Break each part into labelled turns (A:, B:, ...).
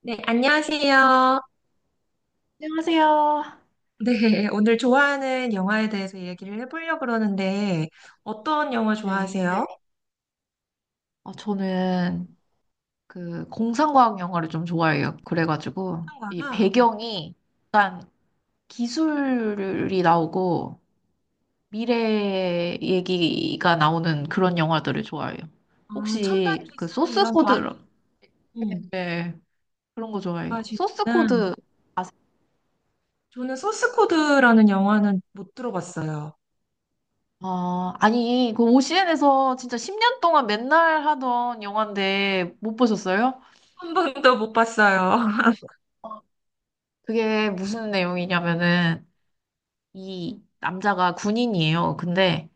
A: 네, 안녕하세요.
B: 안녕하세요.
A: 네, 오늘 좋아하는 영화에 대해서 얘기를 해보려고 그러는데, 어떤 영화 좋아하세요?
B: 네.
A: 한
B: 저는 그 공상과학 영화를 좀 좋아해요. 그래가지고
A: 국
B: 이
A: 가
B: 배경이 약간 기술이 나오고 미래 얘기가 나오는 그런 영화들을 좋아해요.
A: 아, 첨단
B: 혹시 그
A: 기술
B: 소스
A: 이런 거
B: 코드.
A: 음,
B: 네, 그런 거 좋아해요. 소스
A: 좋아하시구나.
B: 코드 아세요?
A: 저는 소스 코드라는 영화는 못 들어봤어요.
B: 아, 아니 그 OCN에서 진짜 10년 동안 맨날 하던 영화인데 못 보셨어요?
A: 한 번도 못 봤어요.
B: 그게 무슨 내용이냐면은 이 남자가 군인이에요. 근데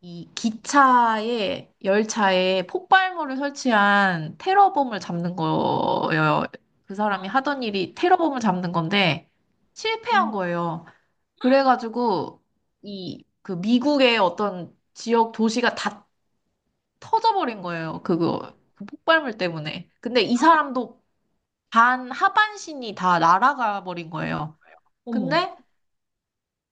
B: 이 기차에 열차에 폭발물을 설치한 테러범을 잡는 거예요. 그 사람이 하던 일이 테러범을 잡는 건데
A: 어,
B: 실패한 거예요. 그래가지고 이 그 미국의 어떤 지역 도시가 다 터져버린 거예요. 그거 그 폭발물 때문에. 근데 이 사람도 반 하반신이 다 날아가 버린 거예요.
A: 어머,
B: 근데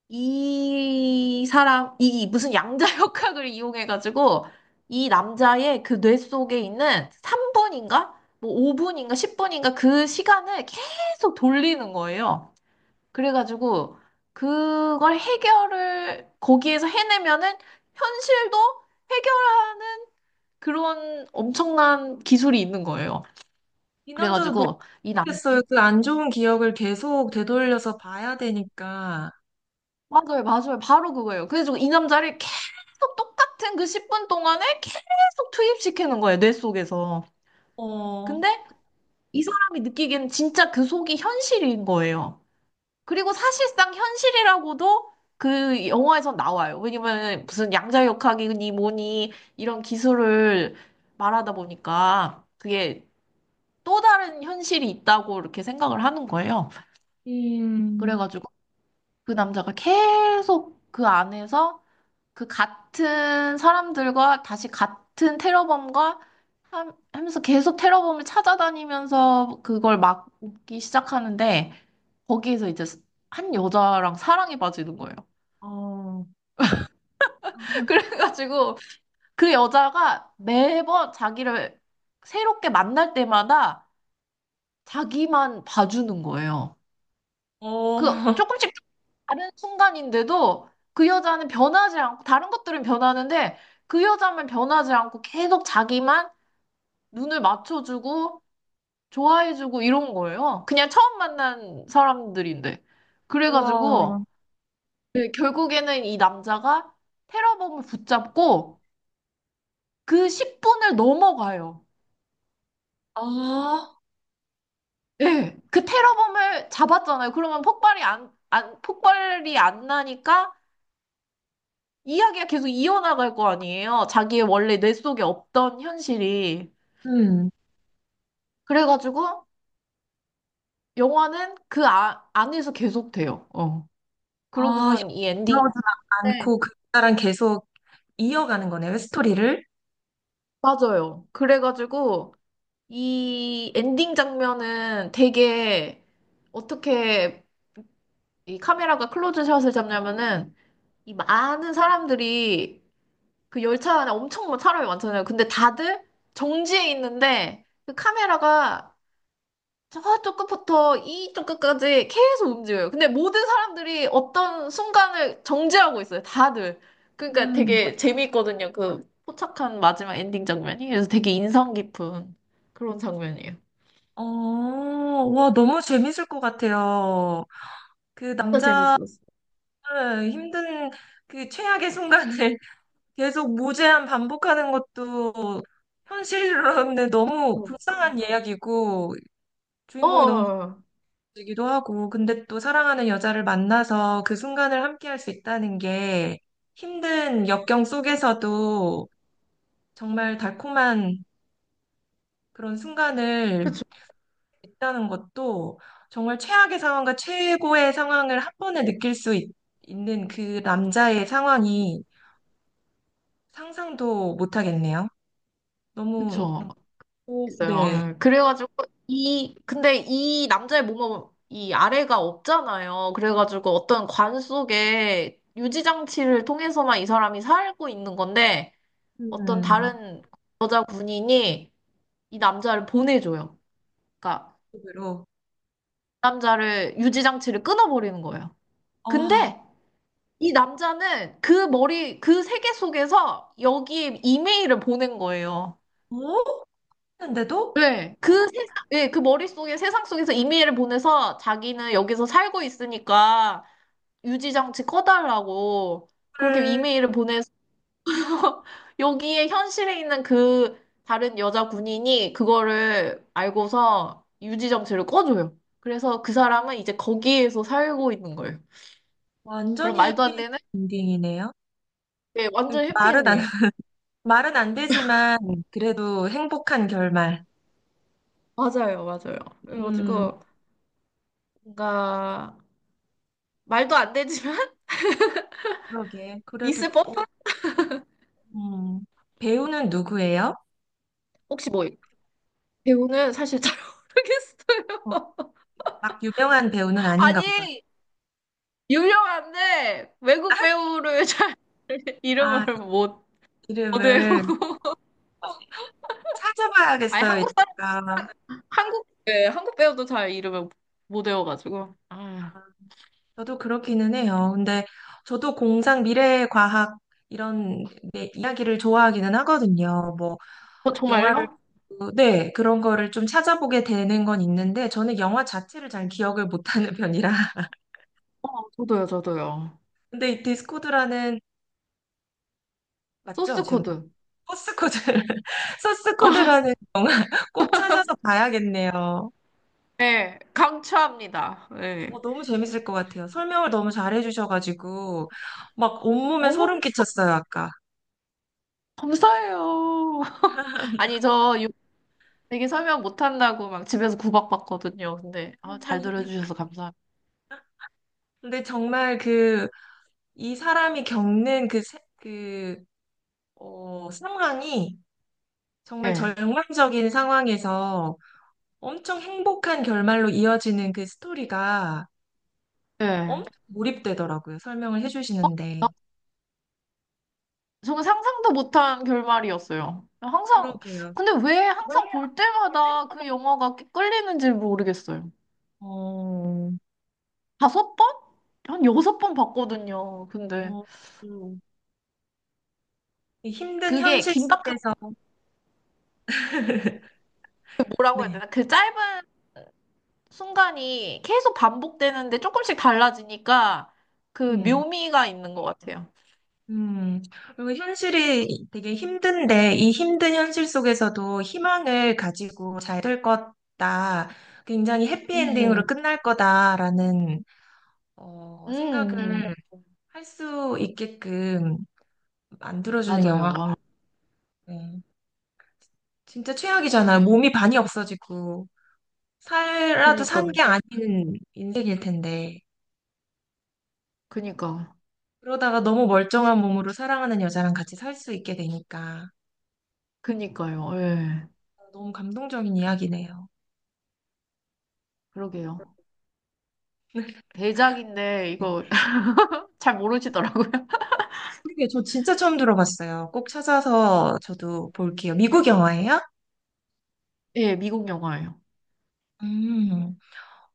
B: 이 사람, 이 무슨 양자 역학을 이용해가지고 이 남자의 그 뇌 속에 있는 3분인가? 뭐 5분인가? 10분인가? 그 시간을 계속 돌리는 거예요. 그래가지고 그걸 해결을 거기에서 해내면은 현실도 해결하는 그런 엄청난 기술이 있는 거예요.
A: 이 남자도 너무
B: 그래가지고
A: 좋겠어요. 그 안 좋은 기억을 계속 되돌려서 봐야 되니까.
B: 맞아요, 맞아요. 바로 그거예요. 그래서 이 남자를 계속 똑같은 그 10분 동안에 계속 투입시키는 거예요, 뇌 속에서.
A: 어,
B: 근데 이 사람이 느끼기에는 진짜 그 속이 현실인 거예요. 그리고 사실상 현실이라고도 그 영화에서 나와요. 왜냐면 무슨 양자역학이니 뭐니 이런 기술을 말하다 보니까 그게 또 다른 현실이 있다고 이렇게 생각을 하는 거예요.
A: 음,
B: 그래가지고 그 남자가 계속 그 안에서 그 같은 사람들과 다시 같은 테러범과 하면서 계속 테러범을 찾아다니면서 그걸 막기 시작하는데 거기에서 이제 한 여자랑 사랑에 빠지는 거예요.
A: 어,
B: 그래가지고 그 여자가 매번 자기를 새롭게 만날 때마다 자기만 봐주는 거예요.
A: 어,
B: 그 조금씩 다른 순간인데도 그 여자는 변하지 않고 다른 것들은 변하는데 그 여자만 변하지 않고 계속 자기만 눈을 맞춰주고 좋아해주고 이런 거예요. 그냥 처음 만난 사람들인데.
A: 우와.
B: 그래가지고 네, 결국에는 이 남자가 테러범을 붙잡고 그 10분을 넘어가요.
A: 아,
B: 예, 그 테러범을 잡았잖아요. 그러면 폭발이 안 나니까 이야기가 계속 이어나갈 거 아니에요. 자기의 원래 뇌 속에 없던 현실이.
A: 음.
B: 그래가지고 영화는 그 안에서 계속돼요. 어.
A: 아,
B: 그러고선 이 엔딩.
A: 들어오진 않고 그나랑 계속 이어가는 거네요, 스토리를.
B: 맞아요. 그래가지고 이 엔딩 장면은 되게 어떻게 이 카메라가 클로즈샷을 잡냐면은 이 많은 사람들이 그 열차 안에 엄청 많은 사람이 많잖아요. 근데 다들 정지해 있는데 그 카메라가 저쪽 끝부터 이쪽 끝까지 계속 움직여요. 근데 모든 사람들이 어떤 순간을 정지하고 있어요. 다들. 그러니까
A: 음.
B: 되게 재미있거든요. 그 포착한 마지막 엔딩 장면이. 그래서 되게 인상 깊은 그런 장면이에요.
A: 어, 와, 너무 재밌을 것 같아요. 그
B: 진짜
A: 남자를
B: 재밌었어.
A: 힘든 그 최악의 순간을 계속 무제한 반복하는 것도 현실로는 너무
B: 어.
A: 불쌍한 이야기고,
B: 어,
A: 주인공이 너무 쌍
B: 어,
A: 하기도 하고, 근데 또 사랑하는 여자를 만나서 그 순간을 함께할 수 있다는 게 힘든 역경 속에서도 정말 달콤한 그런 순간을
B: 그쵸,
A: 있다는 것도 정말 최악의 상황과 최고의 상황을 한 번에 느낄 수 있, 는그 남자의 상황이 상상도 못 하겠네요. 너무,
B: 그쵸.
A: 오,
B: 있어요.
A: 네.
B: 그래가지고, 근데 이 남자의 몸은 이 아래가 없잖아요. 그래가지고 어떤 관 속에 유지장치를 통해서만 이 사람이 살고 있는 건데, 어떤
A: 음,
B: 다른 여자 군인이 이 남자를 보내줘요. 그러니까
A: 으로
B: 남자를 유지 장치를 끊어버리는 거예요.
A: 아,
B: 근데 이 남자는 그 머리 그 세계 속에서 여기 이메일을 보낸 거예요.
A: 뭐? 했는데도?
B: 네, 그 세상, 네, 그 머릿속에 세상 속에서 이메일을 보내서 자기는 여기서 살고 있으니까 유지 장치 꺼달라고 그렇게
A: 를
B: 이메일을 보내서 여기에 현실에 있는 그 다른 여자 군인이 그거를 알고서 유지정치를 꺼줘요. 그래서 그 사람은 이제 거기에서 살고 있는 거예요. 그럼
A: 완전히
B: 말도
A: 해피
B: 안 되는?
A: 엔딩이네요.
B: 예,
A: 그러니까
B: 완전
A: 말은 안,
B: 해피엔딩.
A: 말은 안 되지만, 그래도 행복한 결말.
B: 맞아요, 맞아요.
A: 음,
B: 그래가지고 뭔가 말도 안 되지만
A: 그러게. 그래도
B: 있을 법한.
A: 또 음, 배우는 누구예요?
B: 혹시 뭐 배우는 사실 잘
A: 어,
B: 모르겠어요.
A: 막 유명한 배우는 아닌가 보다.
B: 아니 유명한데 외국 배우를 잘
A: 아,
B: 이름을 못 외우.
A: 이름을 어,
B: 아니
A: 찾아봐야겠어요,
B: 한국
A: 이따가.
B: 한국, 네, 한국 배우도 잘 이름을 못 외워가지고. 아,
A: 저도 그렇기는 해요. 근데 저도 공상 미래과학 이런 네, 이야기를 좋아하기는 하거든요. 뭐
B: 어,
A: 영화를
B: 정말요?
A: 보고, 네, 그런 거를 좀 찾아보게 되는 건 있는데 저는 영화 자체를 잘 기억을 못하는 편이라.
B: 저도요, 저도요.
A: 근데 이 디스코드라는 맞죠?
B: 소스
A: 제목
B: 코드.
A: 소스 코드 소스 코드라는 꼭 찾아서 봐야겠네요.
B: 네, 강추합니다. 네.
A: 어, 너무 재밌을 것 같아요. 설명을 너무 잘해 주셔가지고 막 온몸에 소름
B: 어,
A: 끼쳤어요, 아까.
B: 감사해요. 아니, 저 되게 설명 못한다고 막 집에서 구박받거든요. 근데, 아, 잘 들어주셔서 감사합니다.
A: 근데 정말 이 사람이 겪는 그, 세- 그, 어, 상황이 정말
B: 네,
A: 절망적인 상황에서 엄청 행복한 결말로 이어지는 그 스토리가
B: 네.
A: 엄청 몰입되더라고요. 설명을 해
B: 아,
A: 주시는데.
B: 저는 상상도 못한 결말이었어요.
A: 그러게요.
B: 근데 왜
A: 왜?
B: 항상 볼
A: 볼
B: 때마다
A: 때마다.
B: 그 영화가 끌리는지 모르겠어요.
A: 어,
B: 다섯 번? 한 여섯 번 봤거든요. 근데
A: 어, 음. 이 힘든
B: 그게
A: 현실
B: 긴박한.
A: 속에서
B: 뭐라고 해야
A: 네.
B: 되나? 그 짧은 순간이 계속 반복되는데 조금씩 달라지니까 그
A: 음.
B: 묘미가 있는 것 같아요.
A: 음, 그리고 현실이 되게 힘든데, 이 힘든 현실 속에서도 희망을 가지고 잘 될 거다. 굉장히 해피엔딩으로
B: 음,
A: 끝날 거다라는, 어,
B: 음,
A: 생각을 할 수 있게끔 만들어주는
B: 맞아요.
A: 영화.
B: 아,
A: 같아요. 진짜 최악이잖아요. 몸이 반이 없어지고, 살라도 산
B: 그니까,
A: 게 아닌 인생일 텐데.
B: 그니까,
A: 그러다가 너무 멀쩡한 몸으로 사랑하는 여자랑 같이 살 수 있게 되니까.
B: 그니까요. 예,
A: 너무 감동적인 이야기네요.
B: 그러게요. 대작인데
A: 네.
B: 이거 잘 모르시더라고요.
A: 그게 저 진짜 처음 들어봤어요. 꼭 찾아서 저도 볼게요.
B: 예,
A: 미국 영화예요?
B: 예, 미국 영화예요.
A: 음,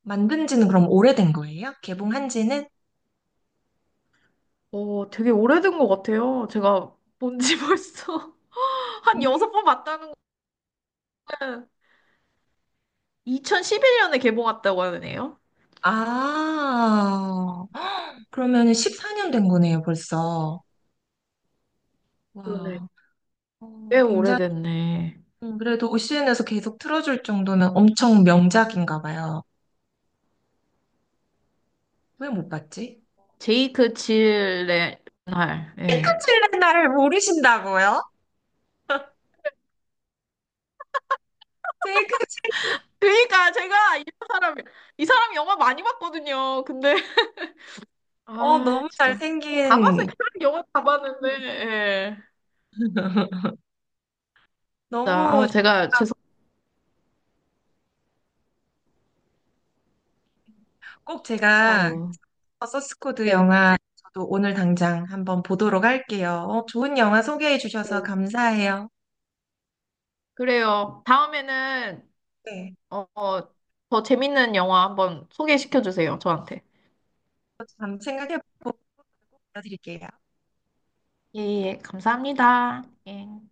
A: 만든 지는 그럼 오래된 거예요? 개봉한 지는?
B: 되게 오래된 것 같아요. 제가 본지 벌써 한
A: 음.
B: 여섯 번 봤다는 거예요. 2011년에 개봉했다고 하네요.
A: 아, 그러면 14년 된 거네요, 벌써.
B: 그러네.
A: 와, 어,
B: 꽤
A: 굉장히,
B: 오래됐네.
A: 그래도 OCN에서 계속 틀어줄 정도면 엄청 명작인가 봐요. 왜 못 봤지?
B: 제이크 질레날. 예.
A: 핑크칠레 나를 모르신다고요? 제이크 칠레,
B: 그러니까 제가 사람이 이 사람 영화 많이 봤거든요. 근데
A: 어,
B: 아,
A: 너무
B: 진짜. 다 봤어
A: 잘생긴,
B: 이 사람 영화 다 봤는데. 예. 자,
A: 너무
B: 아, 제가 죄송
A: 꼭
B: 합
A: 제가
B: 니
A: 서스코드
B: 네.
A: 영화 저도 오늘 당장 한번 보도록 할게요. 어, 좋은 영화 소개해 주셔서
B: 네.
A: 감사해요.
B: 그래요. 다음에는
A: 네,
B: 어, 어, 더 재밌는 영화 한번 소개시켜 주세요. 저한테.
A: 한번 생각해 보고 알려드릴게요.
B: 예, 예. 감사합니다. 예.